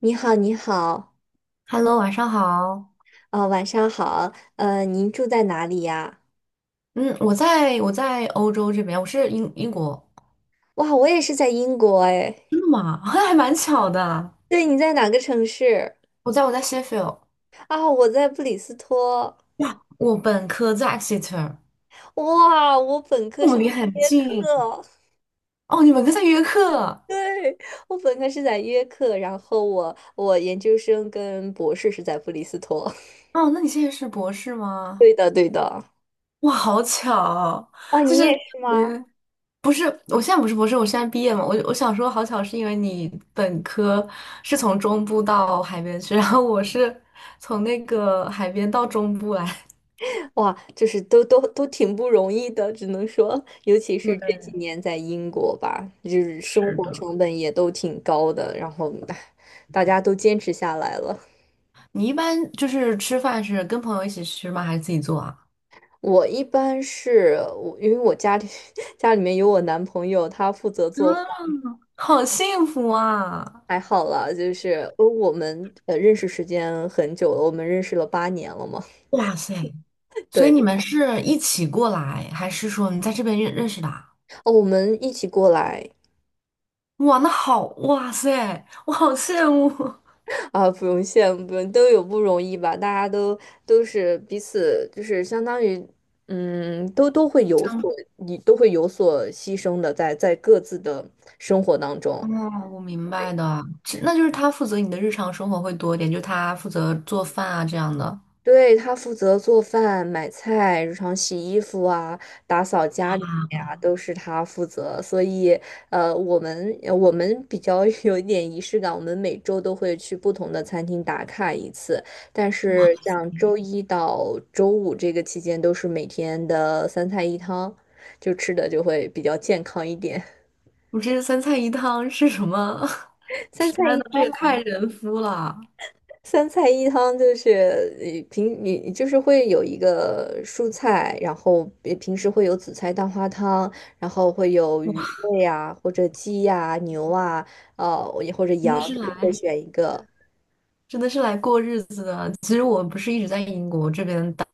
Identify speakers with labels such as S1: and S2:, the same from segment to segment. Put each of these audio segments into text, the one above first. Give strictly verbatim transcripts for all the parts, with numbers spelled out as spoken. S1: 你好，你好，
S2: Hello，晚上好。
S1: 啊，晚上好，呃，您住在哪里呀？
S2: 嗯，我在我在欧洲这边，我是英英国。
S1: 哇，我也是在英国哎。
S2: 真的吗？还蛮巧的。
S1: 对，你在哪个城市？
S2: 我在我在 Sheffield。
S1: 啊，我在布里斯托。
S2: 哇，我本科在 Exeter，
S1: 哇，我本科
S2: 我们
S1: 是在
S2: 离很
S1: 约
S2: 近。
S1: 克，
S2: 哦，你本科在约克。
S1: 对，我本科是在约克，然后我我研究生跟博士是在布里斯托。
S2: 哦，那你现在是博士
S1: 对
S2: 吗？
S1: 的，对的。
S2: 哇，好巧。
S1: 哦，
S2: 就
S1: 你也
S2: 是
S1: 是吗？
S2: 嗯不是？我现在不是博士，我现在毕业嘛。我我想说好巧，是因为你本科是从中部到海边去，然后我是从那个海边到中部来。
S1: 哇，就是都都都挺不容易的，只能说，尤其 是这
S2: 对，
S1: 几年在英国吧，就是生
S2: 是
S1: 活
S2: 的。
S1: 成本也都挺高的，然后唉大家都坚持下来了。
S2: 你一般就是吃饭是跟朋友一起吃吗？还是自己做啊？
S1: 我一般是我，因为我家里 家里面有我男朋友，他负责
S2: 嗯，
S1: 做饭，
S2: 好幸福啊！
S1: 还好啦，就是呃我们呃认识时间很久了，我们认识了八年了嘛。
S2: 哇塞，所以
S1: 对，
S2: 你们是一起过来，还是说你在这边认认识的啊。
S1: 哦，我们一起过来。
S2: 哇，那好，哇塞，我好羡慕。
S1: 啊，不用羡慕，不用，都有不容易吧？大家都都是彼此，就是相当于，嗯，都都会
S2: 这
S1: 有
S2: 样。
S1: 所，你都会有所牺牲的在，在各自的生活当中。
S2: 哦，我明白的，其那就是他负责你的日常生活会多一点，就他负责做饭啊这样的。啊，
S1: 对，他负责做饭、买菜、日常洗衣服啊、打扫家里呀、都是他负责。所以，呃，我们呃我们比较 有一点仪式感，我们每周都会去不同的餐厅打卡一次。但
S2: 哇，
S1: 是，像周一到周五这个期间，都是每天的三菜一汤，就吃的就会比较健康一点。
S2: 我这三菜一汤是什么？
S1: 三
S2: 天
S1: 菜一
S2: 呐，这
S1: 汤
S2: 也太人夫了！
S1: 三菜一汤就是呃平，你就是会有一个蔬菜，然后呃平时会有紫菜蛋花汤，然后会有鱼
S2: 哇，
S1: 类呀、或者鸡呀、牛啊，呃，也或者
S2: 真
S1: 羊，
S2: 的是
S1: 就是会
S2: 来。
S1: 选一个。
S2: 真的是来过日子的。其实我不是一直在英国这边待，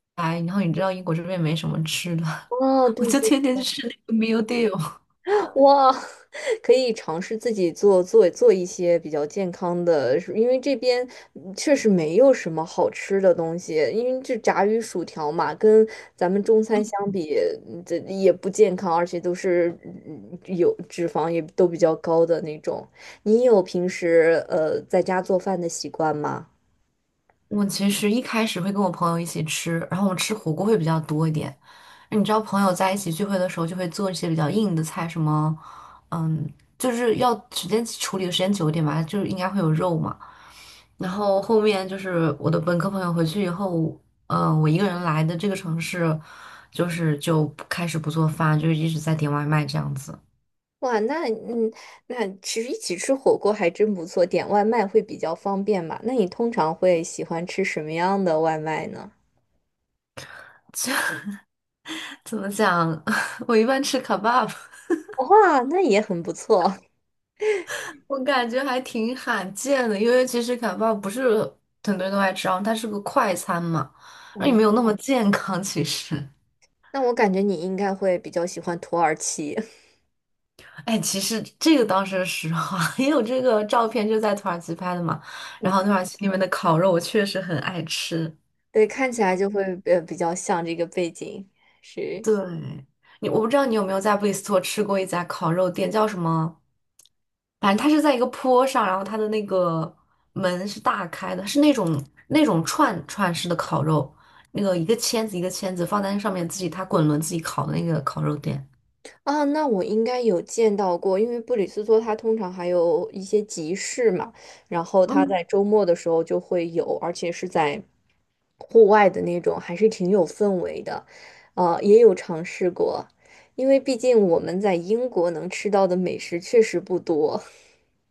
S2: 然后你知道英国这边没什么吃的，
S1: 哦，
S2: 我
S1: 对
S2: 就
S1: 对
S2: 天天去吃那个 meal deal。
S1: 哇。可以尝试自己做做做一些比较健康的，因为这边嗯确实没有什么好吃的东西，因为这炸鱼薯条嘛，跟咱们中餐相比，嗯这也不健康，而且都是嗯有脂肪也都比较高的那种。你有平时呃在家做饭的习惯吗？
S2: 我其实一开始会跟我朋友一起吃，然后我吃火锅会比较多一点。你知道朋友在一起聚会的时候就会做一些比较硬的菜，什么，嗯，就是要时间处理的时间久一点吧，就是应该会有肉嘛。然后后面就是我的本科朋友回去以后，嗯，我一个人来的这个城市，就是就不开始不做饭，就一直在点外卖这样子。
S1: 哇，那嗯，那其实一起吃火锅还真不错，点外卖会比较方便嘛。那你通常会喜欢吃什么样的外卖呢？
S2: 怎么讲？我一般吃卡巴。
S1: 哇，那也很不错。
S2: 我感觉还挺罕见的，因为其实卡巴不是很多人都爱吃，然后它是个快餐嘛，那也
S1: 嗯，
S2: 没有那么健康。其实，
S1: 那我感觉你应该会比较喜欢土耳其。
S2: 哎，其实这个当时实话，因为我这个照片就在土耳其拍的嘛，然
S1: 嗯
S2: 后土耳其那边的烤肉我确实很爱吃。
S1: 对，看起来就会呃比较像这个背景。是
S2: 对，你我不知道你有没有在布里斯托吃过一家烤肉店，叫什么？反正它是在一个坡上，然后它的那个门是大开的，是那种那种串串式的烤肉，那个一个签子一个签子放在那上面，自己它滚轮自己烤的那个烤肉店。
S1: 啊，那我应该有见到过，因为布里斯托它通常还有一些集市嘛，然后它
S2: 嗯，
S1: 在周末的时候就会有，而且是在户外的那种，还是挺有氛围的。呃，也有尝试过，因为毕竟我们在英国能吃到的美食确实不多。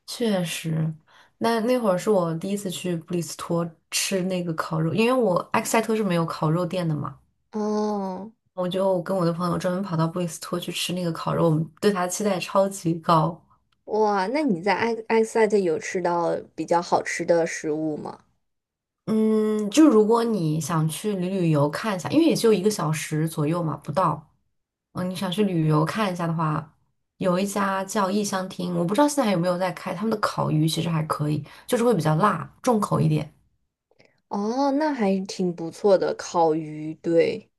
S2: 确实，那那会儿是我第一次去布里斯托吃那个烤肉，因为我埃克塞特是没有烤肉店的嘛，
S1: 哦。
S2: 我就跟我的朋友专门跑到布里斯托去吃那个烤肉，我们对它的期待超级高。
S1: 哇，那你在埃埃塞特有吃到比较好吃的食物吗？
S2: 嗯，就如果你想去旅旅游看一下，因为也就一个小时左右嘛，不到。嗯，你想去旅游看一下的话，有一家叫异乡厅，我不知道现在还有没有在开，他们的烤鱼其实还可以，就是会比较辣，重口一点。
S1: 哦，那还挺不错的，烤鱼，对。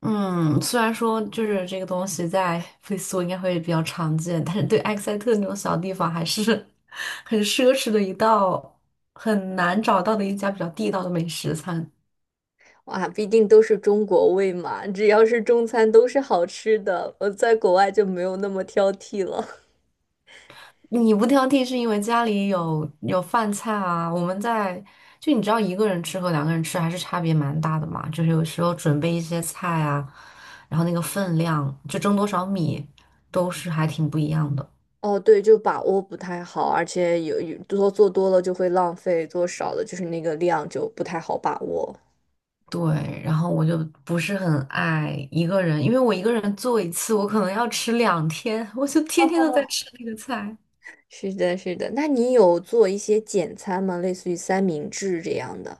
S2: 嗯，虽然说就是这个东西在菲苏应该会比较常见，但是对埃克塞特那种小地方还是 很奢侈的一道，很难找到的一家比较地道的美食餐。
S1: 哇，毕竟都是中国胃嘛，只要是中餐都是好吃的，我在国外就没有那么挑剔了。
S2: 你不挑剔是因为家里有有饭菜啊，我们在就你知道一个人吃和两个人吃还是差别蛮大的嘛，就是有时候准备一些菜啊，然后那个分量就蒸多少米都是还挺不一样的。
S1: 哦，对，就把握不太好，而且有有多做多了就会浪费，做少了就是那个量就不太好把握。
S2: 对，然后我就不是很爱一个人，因为我一个人做一次，我可能要吃两天，我就天天都在吃那个菜。
S1: 是的，是的，那你有做一些简餐吗？类似于三明治这样的？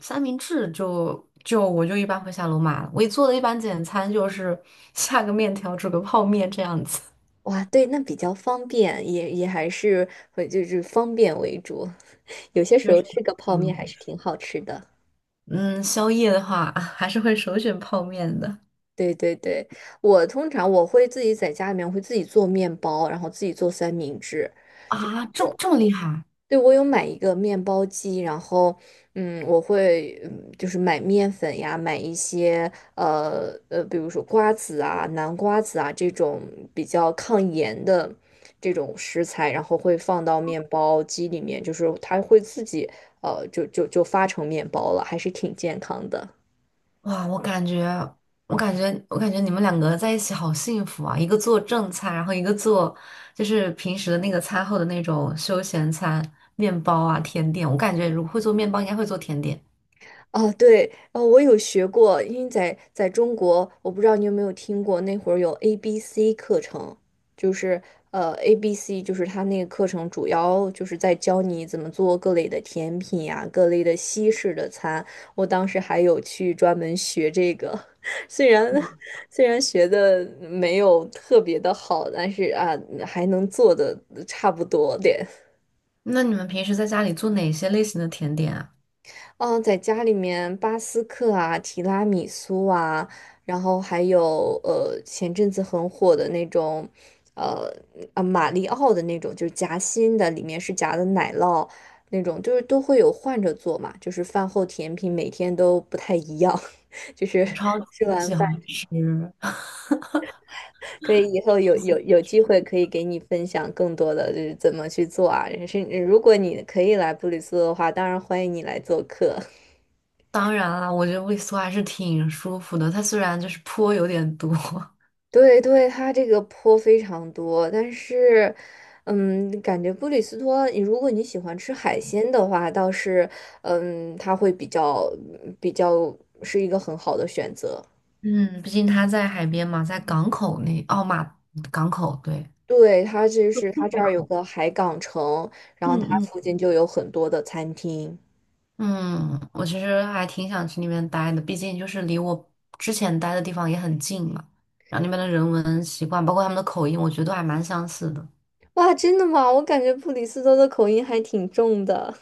S2: 三明治就就我就一般会下楼买了，我做的一般简餐就是 下个面条，煮个泡面这样子。
S1: 哇，对，那比较方便，也也还是会就是方便为主。有些时
S2: 确
S1: 候
S2: 实，
S1: 吃个泡面还
S2: 嗯
S1: 是挺好吃的。
S2: 嗯，宵夜的话 还是会首选泡面的。
S1: 对对对，我通常我会自己在家里面会自己做面包，然后自己做三明治。
S2: 啊，这么这么厉害？
S1: 对，我有买一个面包机，然后，嗯，我会，嗯，就是买面粉呀，买一些，呃呃，比如说瓜子啊、南瓜子啊这种比较抗炎的这种食材，然后会放到面包机里面，就是它会自己，呃，就就就发成面包了，还是挺健康的。
S2: 哇，我感觉，我感觉，我感觉你们两个在一起好幸福啊！一个做正餐，然后一个做就是平时的那个餐后的那种休闲餐，面包啊、甜点。我感觉如果会做面包，应该会做甜点。
S1: 哦，对，哦，我有学过，因为在在中国，我不知道你有没有听过，那会儿有 A B C 课程，就是呃 A B C，就是它那个课程主要就是在教你怎么做各类的甜品呀、各类的西式的餐。我当时还有去专门学这个，虽然虽然学的没有特别的好，但是啊，还能做的差不多点。
S2: 那你们平时在家里做哪些类型的甜点啊？
S1: 嗯，在家里面，巴斯克啊、提拉米苏啊，然后还有呃，前阵子很火的那种，呃啊，马里奥的那种，就是夹心的，里面是夹的奶酪那种，就是都会有换着做嘛，就是饭后甜品每天都不太一样。就是
S2: 我超
S1: 吃
S2: 级
S1: 完
S2: 喜
S1: 饭
S2: 欢吃。
S1: 可以以后有有有机会可以给你分享更多的就是怎么去做啊，是如果你可以来布里斯托的话，当然欢迎你来做客。
S2: 当然啦，我觉得味素还是挺舒服的，它虽然就是 坡有点多。
S1: 对对，它这个坡非常多，但是，嗯，感觉布里斯托，你如果你喜欢吃海鲜的话，倒是，嗯，它会比较比较是一个很好的选择。
S2: 嗯，毕竟他在海边嘛，在港口那，哦马港口，对，
S1: 对，它就是它这
S2: 海
S1: 儿有
S2: 口。
S1: 个海港城，然后
S2: 嗯
S1: 它
S2: 嗯
S1: 附近就有很多的餐厅。
S2: 嗯，我其实还挺想去那边待的，毕竟就是离我之前待的地方也很近嘛。然后那边的人文习惯，包括他们的口音，我觉得都还蛮相似的。
S1: 哇，真的吗？我感觉布里斯托的口音还挺重的。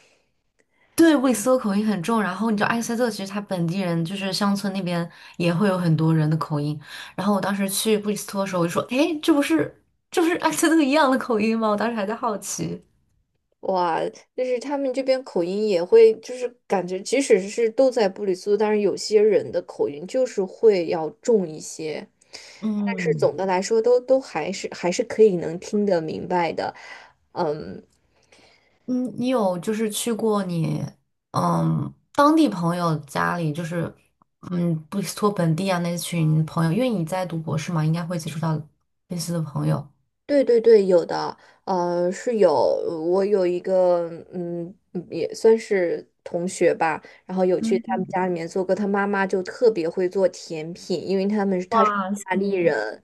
S2: 对，布里斯托口音很重。然后你知道埃塞特其实他本地人就是乡村那边也会有很多人的口音。然后我当时去布里斯托的时候，我就说：“诶，这不是这不是埃塞特一样的口音吗？”我当时还在好奇。
S1: 哇，就是他们这边口音也会，就是感觉即使是都在布里斯托，但是有些人的口音就是会要重一些，但是总
S2: 嗯。
S1: 的来说都都还是还是可以能听得明白的。嗯，
S2: 嗯，你有就是去过你嗯当地朋友家里，就是嗯布里斯托本地啊那群朋友，因为你在读博士嘛，应该会接触到类似的朋友。
S1: 对对对，有的，呃，是有，我有一个，嗯，也算是同学吧，然后有去他
S2: 嗯，
S1: 们家里面做过，他妈妈就特别会做甜品，因为他们他是
S2: 哇
S1: 意
S2: 塞，
S1: 大利人。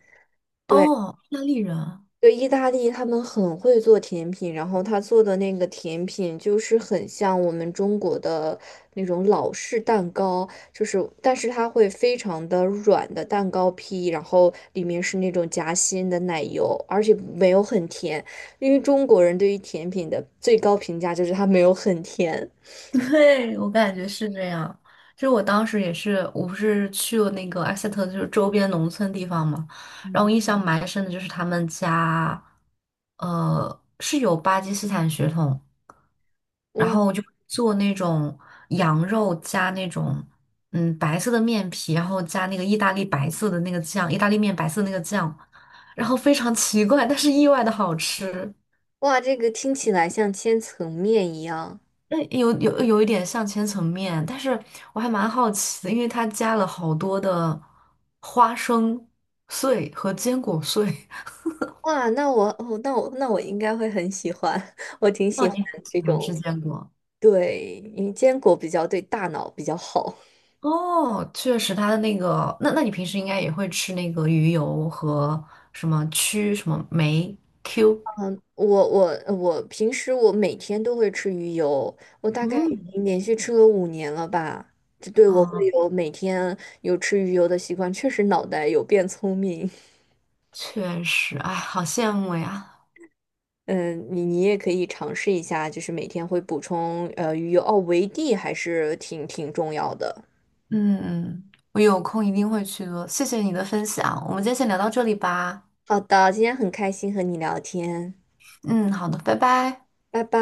S1: 对。
S2: 哦，意大利人，
S1: 对，意大利他们很会做甜品，然后他做的那个甜品就是很像我们中国的那种老式蛋糕，就是但是它会非常的软的蛋糕坯，然后里面是那种夹心的奶油，而且没有很甜，因为中国人对于甜品的最高评价就是它没有很甜。
S2: 对，我感觉是这样。就是我当时也是，我不是去了那个埃塞特，就是周边农村地方嘛，然后我印象蛮深的就是他们家，呃，是有巴基斯坦血统。然
S1: 哇
S2: 后我就做那种羊肉加那种嗯白色的面皮，然后加那个意大利白色的那个酱，意大利面白色的那个酱，然后非常奇怪，但是意外的好吃。
S1: 哇，这个听起来像千层面一样。
S2: 那有有有一点像千层面，但是我还蛮好奇的，因为它加了好多的花生碎和坚果碎。
S1: 哇，那我哦，那我那我应该会很喜欢，我挺
S2: 哦，
S1: 喜欢
S2: 你很喜
S1: 这
S2: 欢吃
S1: 种。
S2: 坚果。
S1: 对，因为坚果比较对大脑比较好。
S2: 哦，确实，他的那个，那那你平时应该也会吃那个鱼油和什么曲什么酶 Q，
S1: 嗯，我我我平时我每天都会吃鱼油，我大概已
S2: 嗯
S1: 经连续吃了五年了吧。这对我会
S2: 啊，
S1: 有每天有吃鱼油的习惯，确实脑袋有变聪明。
S2: 确实，哎，好羡慕呀，
S1: 嗯，你你也可以尝试一下，就是每天会补充呃鱼油哦，维 D 还是挺挺重要的。
S2: 嗯，嗯我有空一定会去做，谢谢你的分享，我们今天先聊到这里吧，
S1: 好的，今天很开心和你聊天，
S2: 嗯，好的，拜拜。
S1: 拜拜。